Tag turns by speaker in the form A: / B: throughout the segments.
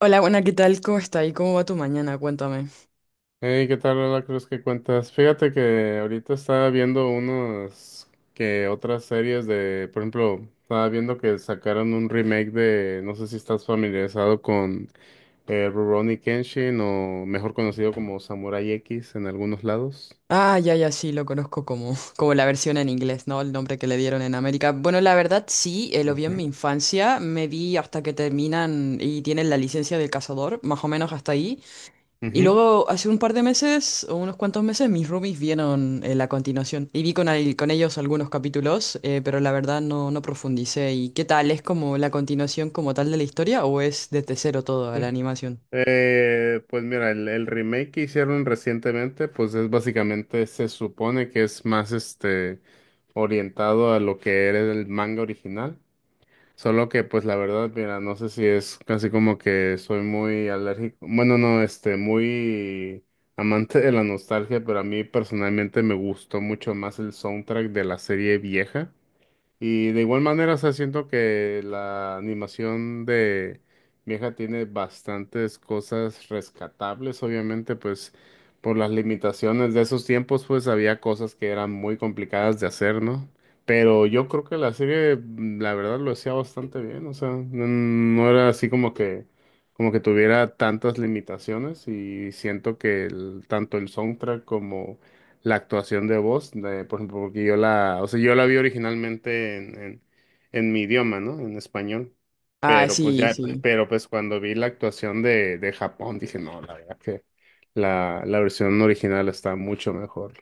A: Hola, buena, ¿qué tal? ¿Cómo está? ¿Y cómo va tu mañana? Cuéntame.
B: Hey, ¿qué tal, Lola Cruz? ¿Qué cuentas? Fíjate que ahorita estaba viendo unos que otras series de, por ejemplo, estaba viendo que sacaron un remake de, no sé si estás familiarizado con Rurouni Kenshin o mejor conocido como Samurai X en algunos lados.
A: Ah, ya, ya, sí, lo conozco como, como la versión en inglés, ¿no? El nombre que le dieron en América. Bueno, la verdad, sí, lo vi en mi infancia, me vi hasta que terminan y tienen la licencia del cazador, más o menos hasta ahí. Y
B: Ujú,
A: luego, hace un par de meses, o unos cuantos meses, mis roomies vieron la continuación. Y vi con ellos algunos capítulos, pero la verdad no profundicé. ¿Y qué tal? ¿Es como la continuación como tal de la historia o es desde cero todo
B: ujú.
A: la animación?
B: Pues mira, el remake que hicieron recientemente, pues es básicamente, se supone que es más orientado a lo que era el manga original. Solo que, pues la verdad, mira, no sé si es casi como que soy muy alérgico. Bueno, no, muy amante de la nostalgia, pero a mí personalmente me gustó mucho más el soundtrack de la serie vieja. Y de igual manera, o sea, siento que la animación de vieja tiene bastantes cosas rescatables, obviamente, pues por las limitaciones de esos tiempos, pues había cosas que eran muy complicadas de hacer, ¿no? Pero yo creo que la serie, la verdad, lo hacía bastante bien, o sea, no, no era así como que tuviera tantas limitaciones y siento que tanto el soundtrack como la actuación de voz, de, por ejemplo, porque yo la, o sea, yo la vi originalmente en mi idioma, ¿no? En español.
A: Ah, sí, sí.
B: Pero pues cuando vi la actuación de Japón, dije, no, la verdad que la versión original está mucho mejor.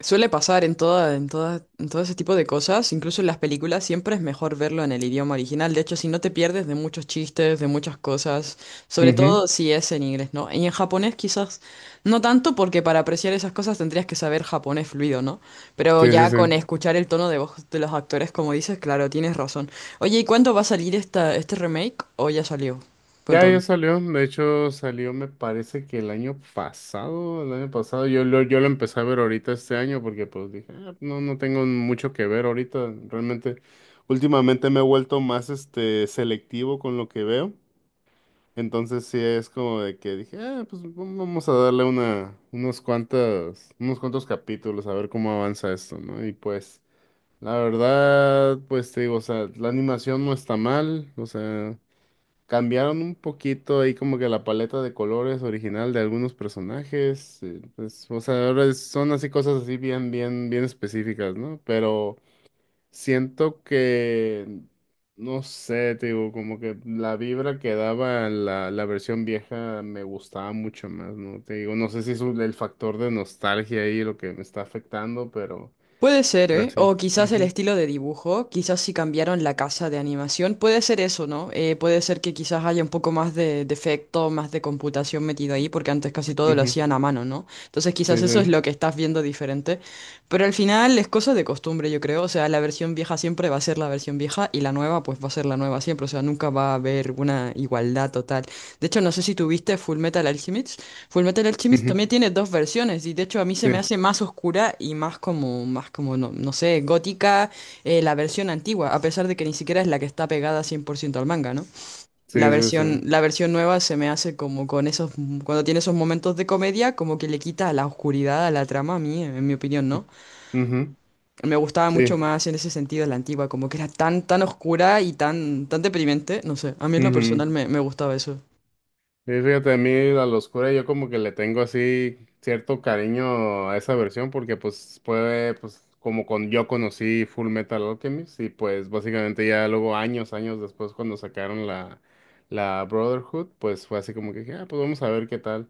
A: Suele pasar en todo ese tipo de cosas, incluso en las películas, siempre es mejor verlo en el idioma original. De hecho, si no te pierdes de muchos chistes, de muchas cosas, sobre
B: Ujú.
A: todo si es en inglés, ¿no? Y en japonés quizás no tanto, porque para apreciar esas cosas tendrías que saber japonés fluido, ¿no? Pero
B: Sí, sí,
A: ya con
B: sí.
A: escuchar el tono de voz de los actores, como dices, claro, tienes razón. Oye, ¿y cuándo va a salir esta, este remake? ¿O ya salió?
B: Ya, ya
A: Cuéntame.
B: salió. De hecho, salió, me parece que el año pasado, yo lo empecé a ver ahorita este año porque pues dije, "Ah, no, no tengo mucho que ver ahorita. Realmente, últimamente me he vuelto más selectivo con lo que veo. Entonces sí es como de que dije, ah, pues vamos a darle unos cuantos capítulos a ver cómo avanza esto, ¿no? Y pues, la verdad, pues te digo, o sea, la animación no está mal, o sea. Cambiaron un poquito ahí como que la paleta de colores original de algunos personajes, pues, o sea, ahora son así cosas así bien, bien, bien específicas, ¿no? Pero siento que, no sé, te digo, como que la vibra que daba la versión vieja me gustaba mucho más, ¿no? Te digo, no sé si es el factor de nostalgia ahí lo que me está afectando, pero,
A: Puede ser,
B: pero
A: ¿eh?
B: sí.
A: O quizás el
B: Ujú,
A: estilo de dibujo, quizás si cambiaron la casa de animación, puede ser eso, ¿no? Puede ser que quizás haya un poco más de, efecto, más de computación metido ahí, porque antes casi todo lo
B: ujú.
A: hacían a mano, ¿no? Entonces quizás
B: Sí,
A: eso es
B: sí.
A: lo que estás viendo diferente, pero al final es cosa de costumbre, yo creo, o sea, la versión vieja siempre va a ser la versión vieja y la nueva pues va a ser la nueva siempre, o sea, nunca va a haber una igualdad total. De hecho, no sé si tuviste Full Metal Alchemist. Fullmetal Alchemist también
B: Ujú.
A: tiene dos versiones y de hecho a mí se me
B: Sí,
A: hace más oscura y más como, no, no sé, gótica la versión antigua, a pesar de que ni siquiera es la que está pegada 100% al manga, ¿no? La
B: sí, sí,
A: versión,
B: sí.
A: la versión nueva se me hace como con esos, cuando tiene esos momentos de comedia, como que le quita la oscuridad a la trama a mí, en mi opinión, ¿no?
B: Ujú,
A: Me gustaba mucho
B: sí.
A: más en ese sentido la antigua, como que era tan, tan oscura y tan, tan deprimente, no sé, a mí en lo
B: Ujú.
A: personal me gustaba eso.
B: Sí, fíjate, a mí La Loscura yo como que le tengo así cierto cariño a esa versión porque pues puede pues como con yo conocí Full Metal Alchemist y pues básicamente ya luego años, años después cuando sacaron la Brotherhood pues fue así como que dije, ah, pues vamos a ver qué tal.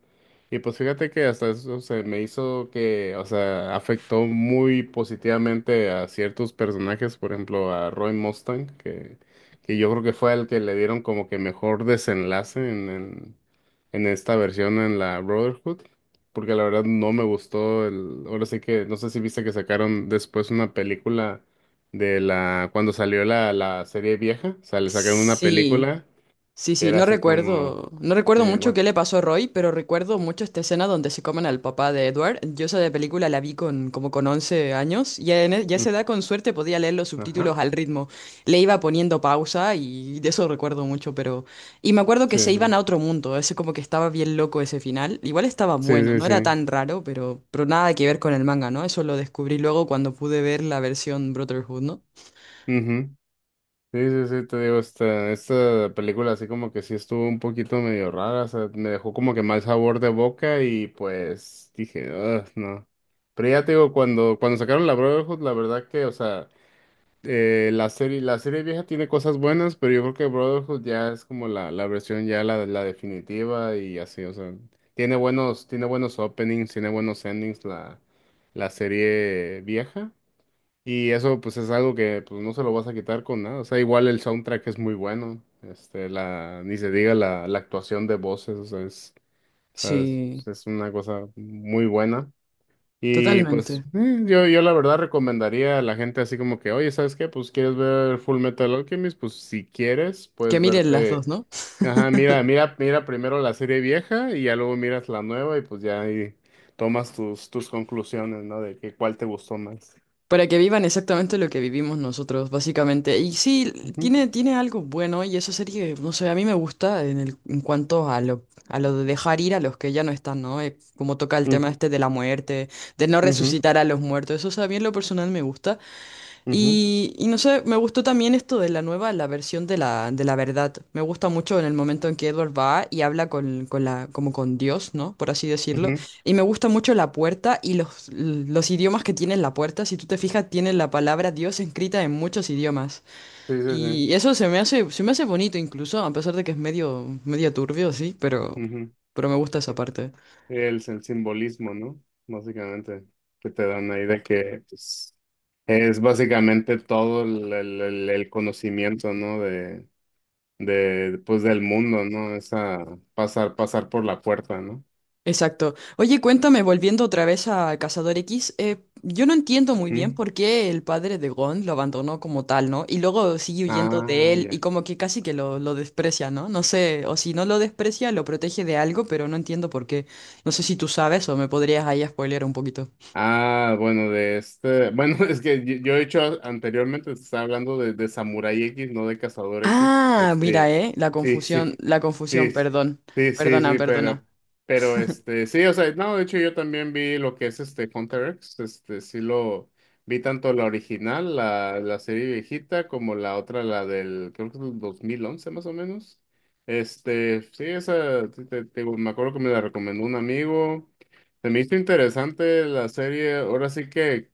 B: Y pues fíjate que hasta eso se me hizo que, o sea, afectó muy positivamente a ciertos personajes, por ejemplo a Roy Mustang, que yo creo que fue el que le dieron como que mejor desenlace en, en esta versión en la Brotherhood, porque la verdad no me gustó el, ahora sí que, no sé si viste que sacaron después una película de la, cuando salió la serie vieja, o sea, le sacaron una
A: Sí,
B: película
A: sí,
B: que
A: sí,
B: era
A: no
B: así como,
A: recuerdo, no recuerdo mucho
B: bueno,
A: qué le pasó a Roy, pero recuerdo mucho esta escena donde se comen al papá de Edward. Yo esa de película la vi con como con 11 años y en ya a
B: mm,
A: esa edad con suerte podía leer los
B: ajá,
A: subtítulos al ritmo. Le iba poniendo pausa y de eso recuerdo mucho, pero... Y me acuerdo que
B: sí,
A: se iban
B: sí,
A: a otro mundo, ese como que estaba bien loco ese final. Igual estaba
B: sí,
A: bueno,
B: sí,
A: no era
B: sí,
A: tan raro, pero nada que ver con el manga, ¿no? Eso lo descubrí luego cuando pude ver la versión Brotherhood, ¿no?
B: ujú. Sí, sí, sí, te digo, esta película así como que sí estuvo un poquito medio rara, o sea, me dejó como que mal sabor de boca y pues dije, "Ugh, no. Pero ya te digo, cuando sacaron la Brotherhood, la verdad que, o sea, la serie vieja tiene cosas buenas, pero yo creo que Brotherhood ya es como la versión ya la definitiva y así, o sea, tiene buenos openings, tiene buenos endings la serie vieja. Y eso pues es algo que pues no se lo vas a quitar con nada. O sea, igual el soundtrack es muy bueno. Ni se diga la actuación de voces, o sea, o sea, es,
A: Sí,
B: es una cosa muy buena. Y pues
A: totalmente.
B: yo la verdad recomendaría a la gente así como que, oye, ¿sabes qué? Pues quieres ver Full Metal Alchemist, pues si quieres,
A: Que
B: puedes
A: miren las
B: verte,
A: dos, ¿no?
B: ajá, mira, mira, mira primero la serie vieja y ya luego miras la nueva y pues ya ahí tomas tus conclusiones, ¿no? De que cuál te gustó más.
A: Para que vivan exactamente lo que vivimos nosotros, básicamente. Y sí,
B: Ujú.
A: tiene algo bueno y esa serie, no sé, a mí me gusta en el, en cuanto a lo de dejar ir a los que ya no están, ¿no? Como toca el tema
B: Mm,
A: este de la muerte, de no
B: ujú.
A: resucitar a los muertos. Eso, o sea, a mí en lo personal me gusta.
B: Ujú,
A: Y no sé, me gustó también esto de la nueva, la versión de la, verdad. Me gusta mucho en el momento en que Edward va y habla como con Dios, ¿no? Por así decirlo.
B: ujú.
A: Y me gusta mucho la puerta y los idiomas que tiene la puerta. Si tú te fijas, tiene la palabra Dios escrita en muchos idiomas.
B: Sí, sí, sí.
A: Y eso se me hace bonito incluso, a pesar de que es medio, medio turbio, sí, pero,
B: Ujú.
A: pero me gusta esa parte.
B: El simbolismo, ¿no? Básicamente, que te dan ahí de que pues, es básicamente todo el conocimiento, ¿no? Pues, del mundo, ¿no? Esa pasar, pasar por la puerta, ¿no?
A: Exacto. Oye, cuéntame, volviendo otra vez a Cazador X, yo no entiendo muy bien
B: ¿Mm?
A: por qué el padre de Gon lo abandonó como tal, ¿no? Y luego sigue huyendo de
B: Ah,
A: él y
B: ya.
A: como que casi que lo desprecia, ¿no? No sé, o si no lo desprecia, lo protege de algo, pero no entiendo por qué. No sé si tú sabes o me podrías ahí spoilear un poquito.
B: Ah, bueno, de este. Bueno, es que yo he hecho anteriormente, te estaba hablando de Samurai X, no de Cazador X.
A: Ah, mira, la
B: Sí, sí,
A: confusión,
B: sí,
A: perdón.
B: sí, sí,
A: Perdona,
B: sí, pero,
A: perdona.
B: pero sí, o sea, no, de hecho yo también vi lo que es este Hunter X, sí lo vi tanto la original, la serie viejita, como la otra, la del, creo que es del 2011 más o menos. Sí, esa, te digo, me acuerdo que me la recomendó un amigo. Se me hizo interesante la serie. Ahora sí que,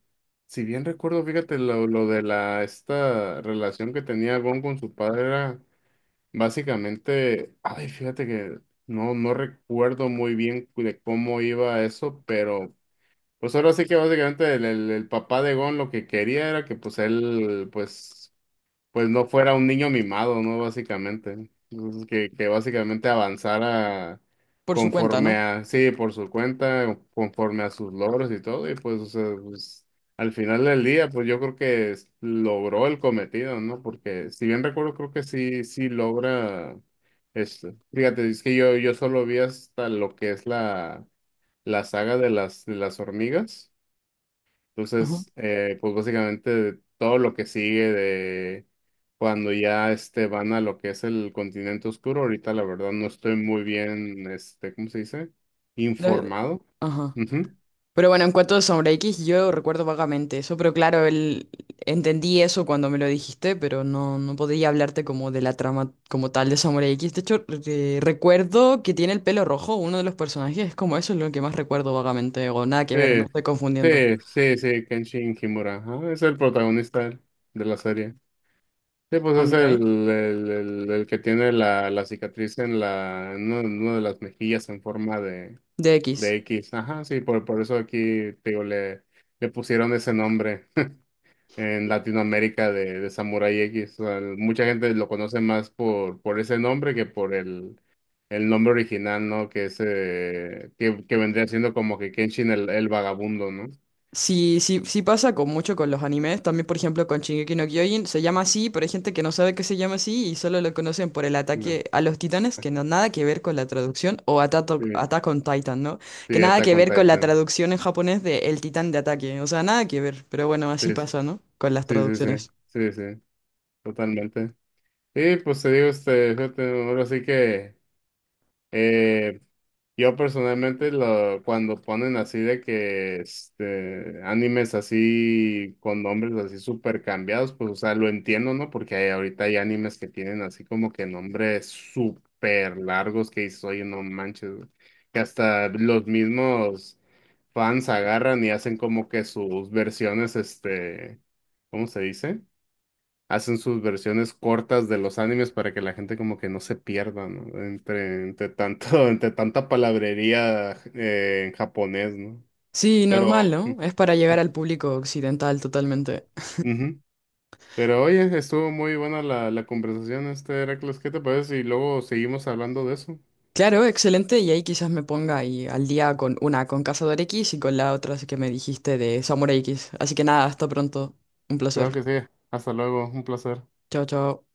B: si bien recuerdo, fíjate, lo de la esta relación que tenía Gon con su padre era básicamente, ay, fíjate que no, no recuerdo muy bien de cómo iba eso, pero pues ahora sí que básicamente el papá de Gon lo que quería era que pues él pues no fuera un niño mimado, ¿no? Básicamente. Entonces, que básicamente avanzara
A: Por su cuenta,
B: conforme
A: ¿no?
B: a, sí, por su cuenta, conforme a sus logros y todo, y pues, o sea, pues, al final del día, pues yo creo que logró el cometido, ¿no? Porque si bien recuerdo, creo que sí, sí logra esto. Fíjate, es que yo solo vi hasta lo que es la saga de las hormigas.
A: Ujú.
B: Entonces, pues básicamente todo lo que sigue de cuando ya van a lo que es el continente oscuro, ahorita la verdad no estoy muy bien, ¿cómo se dice?
A: No,
B: Informado.
A: ajá.
B: Ujú.
A: Pero bueno, en cuanto a Sombra X, yo recuerdo vagamente eso, pero claro, entendí eso cuando me lo dijiste, pero no podía hablarte como de la trama como tal de Sombra X. De hecho, recuerdo que tiene el pelo rojo, uno de los personajes, es como eso es lo que más recuerdo vagamente, o nada que ver,
B: Sí,
A: me estoy confundiendo.
B: sí, sí, sí, Kenshin Himura, ajá, es el protagonista de la serie. Sí, pues
A: Ah,
B: es
A: mira,
B: el,
A: ¿eh?
B: el, el- el que tiene la cicatriz en una de las mejillas en forma
A: De
B: de
A: X.
B: X. Ajá, sí, por eso aquí, te digo, le pusieron ese nombre en Latinoamérica de Samurai X. O sea, mucha gente lo conoce más por ese nombre que por el nombre original, ¿no? Que es, que vendría siendo como que Kenshin el vagabundo, ¿no?
A: Sí, sí, sí pasa con mucho con los animes, también por ejemplo con Shingeki no Kyojin, se llama así, pero hay gente que no sabe que se llama así y solo lo conocen por el
B: No.
A: ataque a los titanes, que no nada que ver con la traducción, o Attack,
B: Sí,
A: Attack on Titan, ¿no? Que
B: sí,
A: nada
B: Attack
A: que
B: on
A: ver con la
B: Titan.
A: traducción en japonés de el titán de ataque, o sea, nada que ver, pero bueno, así
B: Sí, sí,
A: pasa, ¿no? Con las
B: sí, sí,
A: traducciones.
B: sí, sí, totalmente. Y pues te digo, fíjate, ahora sí que eh, cuando ponen así de que este animes así con nombres así súper cambiados, pues o sea, lo entiendo, ¿no? Porque ahorita hay animes que tienen así como que nombres súper largos que dices, oye, no manches, güey". Que hasta los mismos fans agarran y hacen como que sus versiones, ¿cómo se dice? Hacen sus versiones cortas de los animes para que la gente como que no se pierda, ¿no? Entre tanto, entre tanta palabrería en japonés, ¿no?
A: Sí,
B: Pero,
A: normal, ¿no? Es para llegar al público occidental totalmente.
B: Ujú. Pero oye, estuvo muy buena la conversación, este Heracles, ¿qué te parece? Y luego seguimos hablando de eso.
A: Claro, excelente. Y ahí quizás me ponga ahí al día con Cazador X y con la otra que me dijiste de Samurai X. Así que nada, hasta pronto. Un
B: Claro
A: placer.
B: que sí. Hasta luego, un placer.
A: Chao, chao.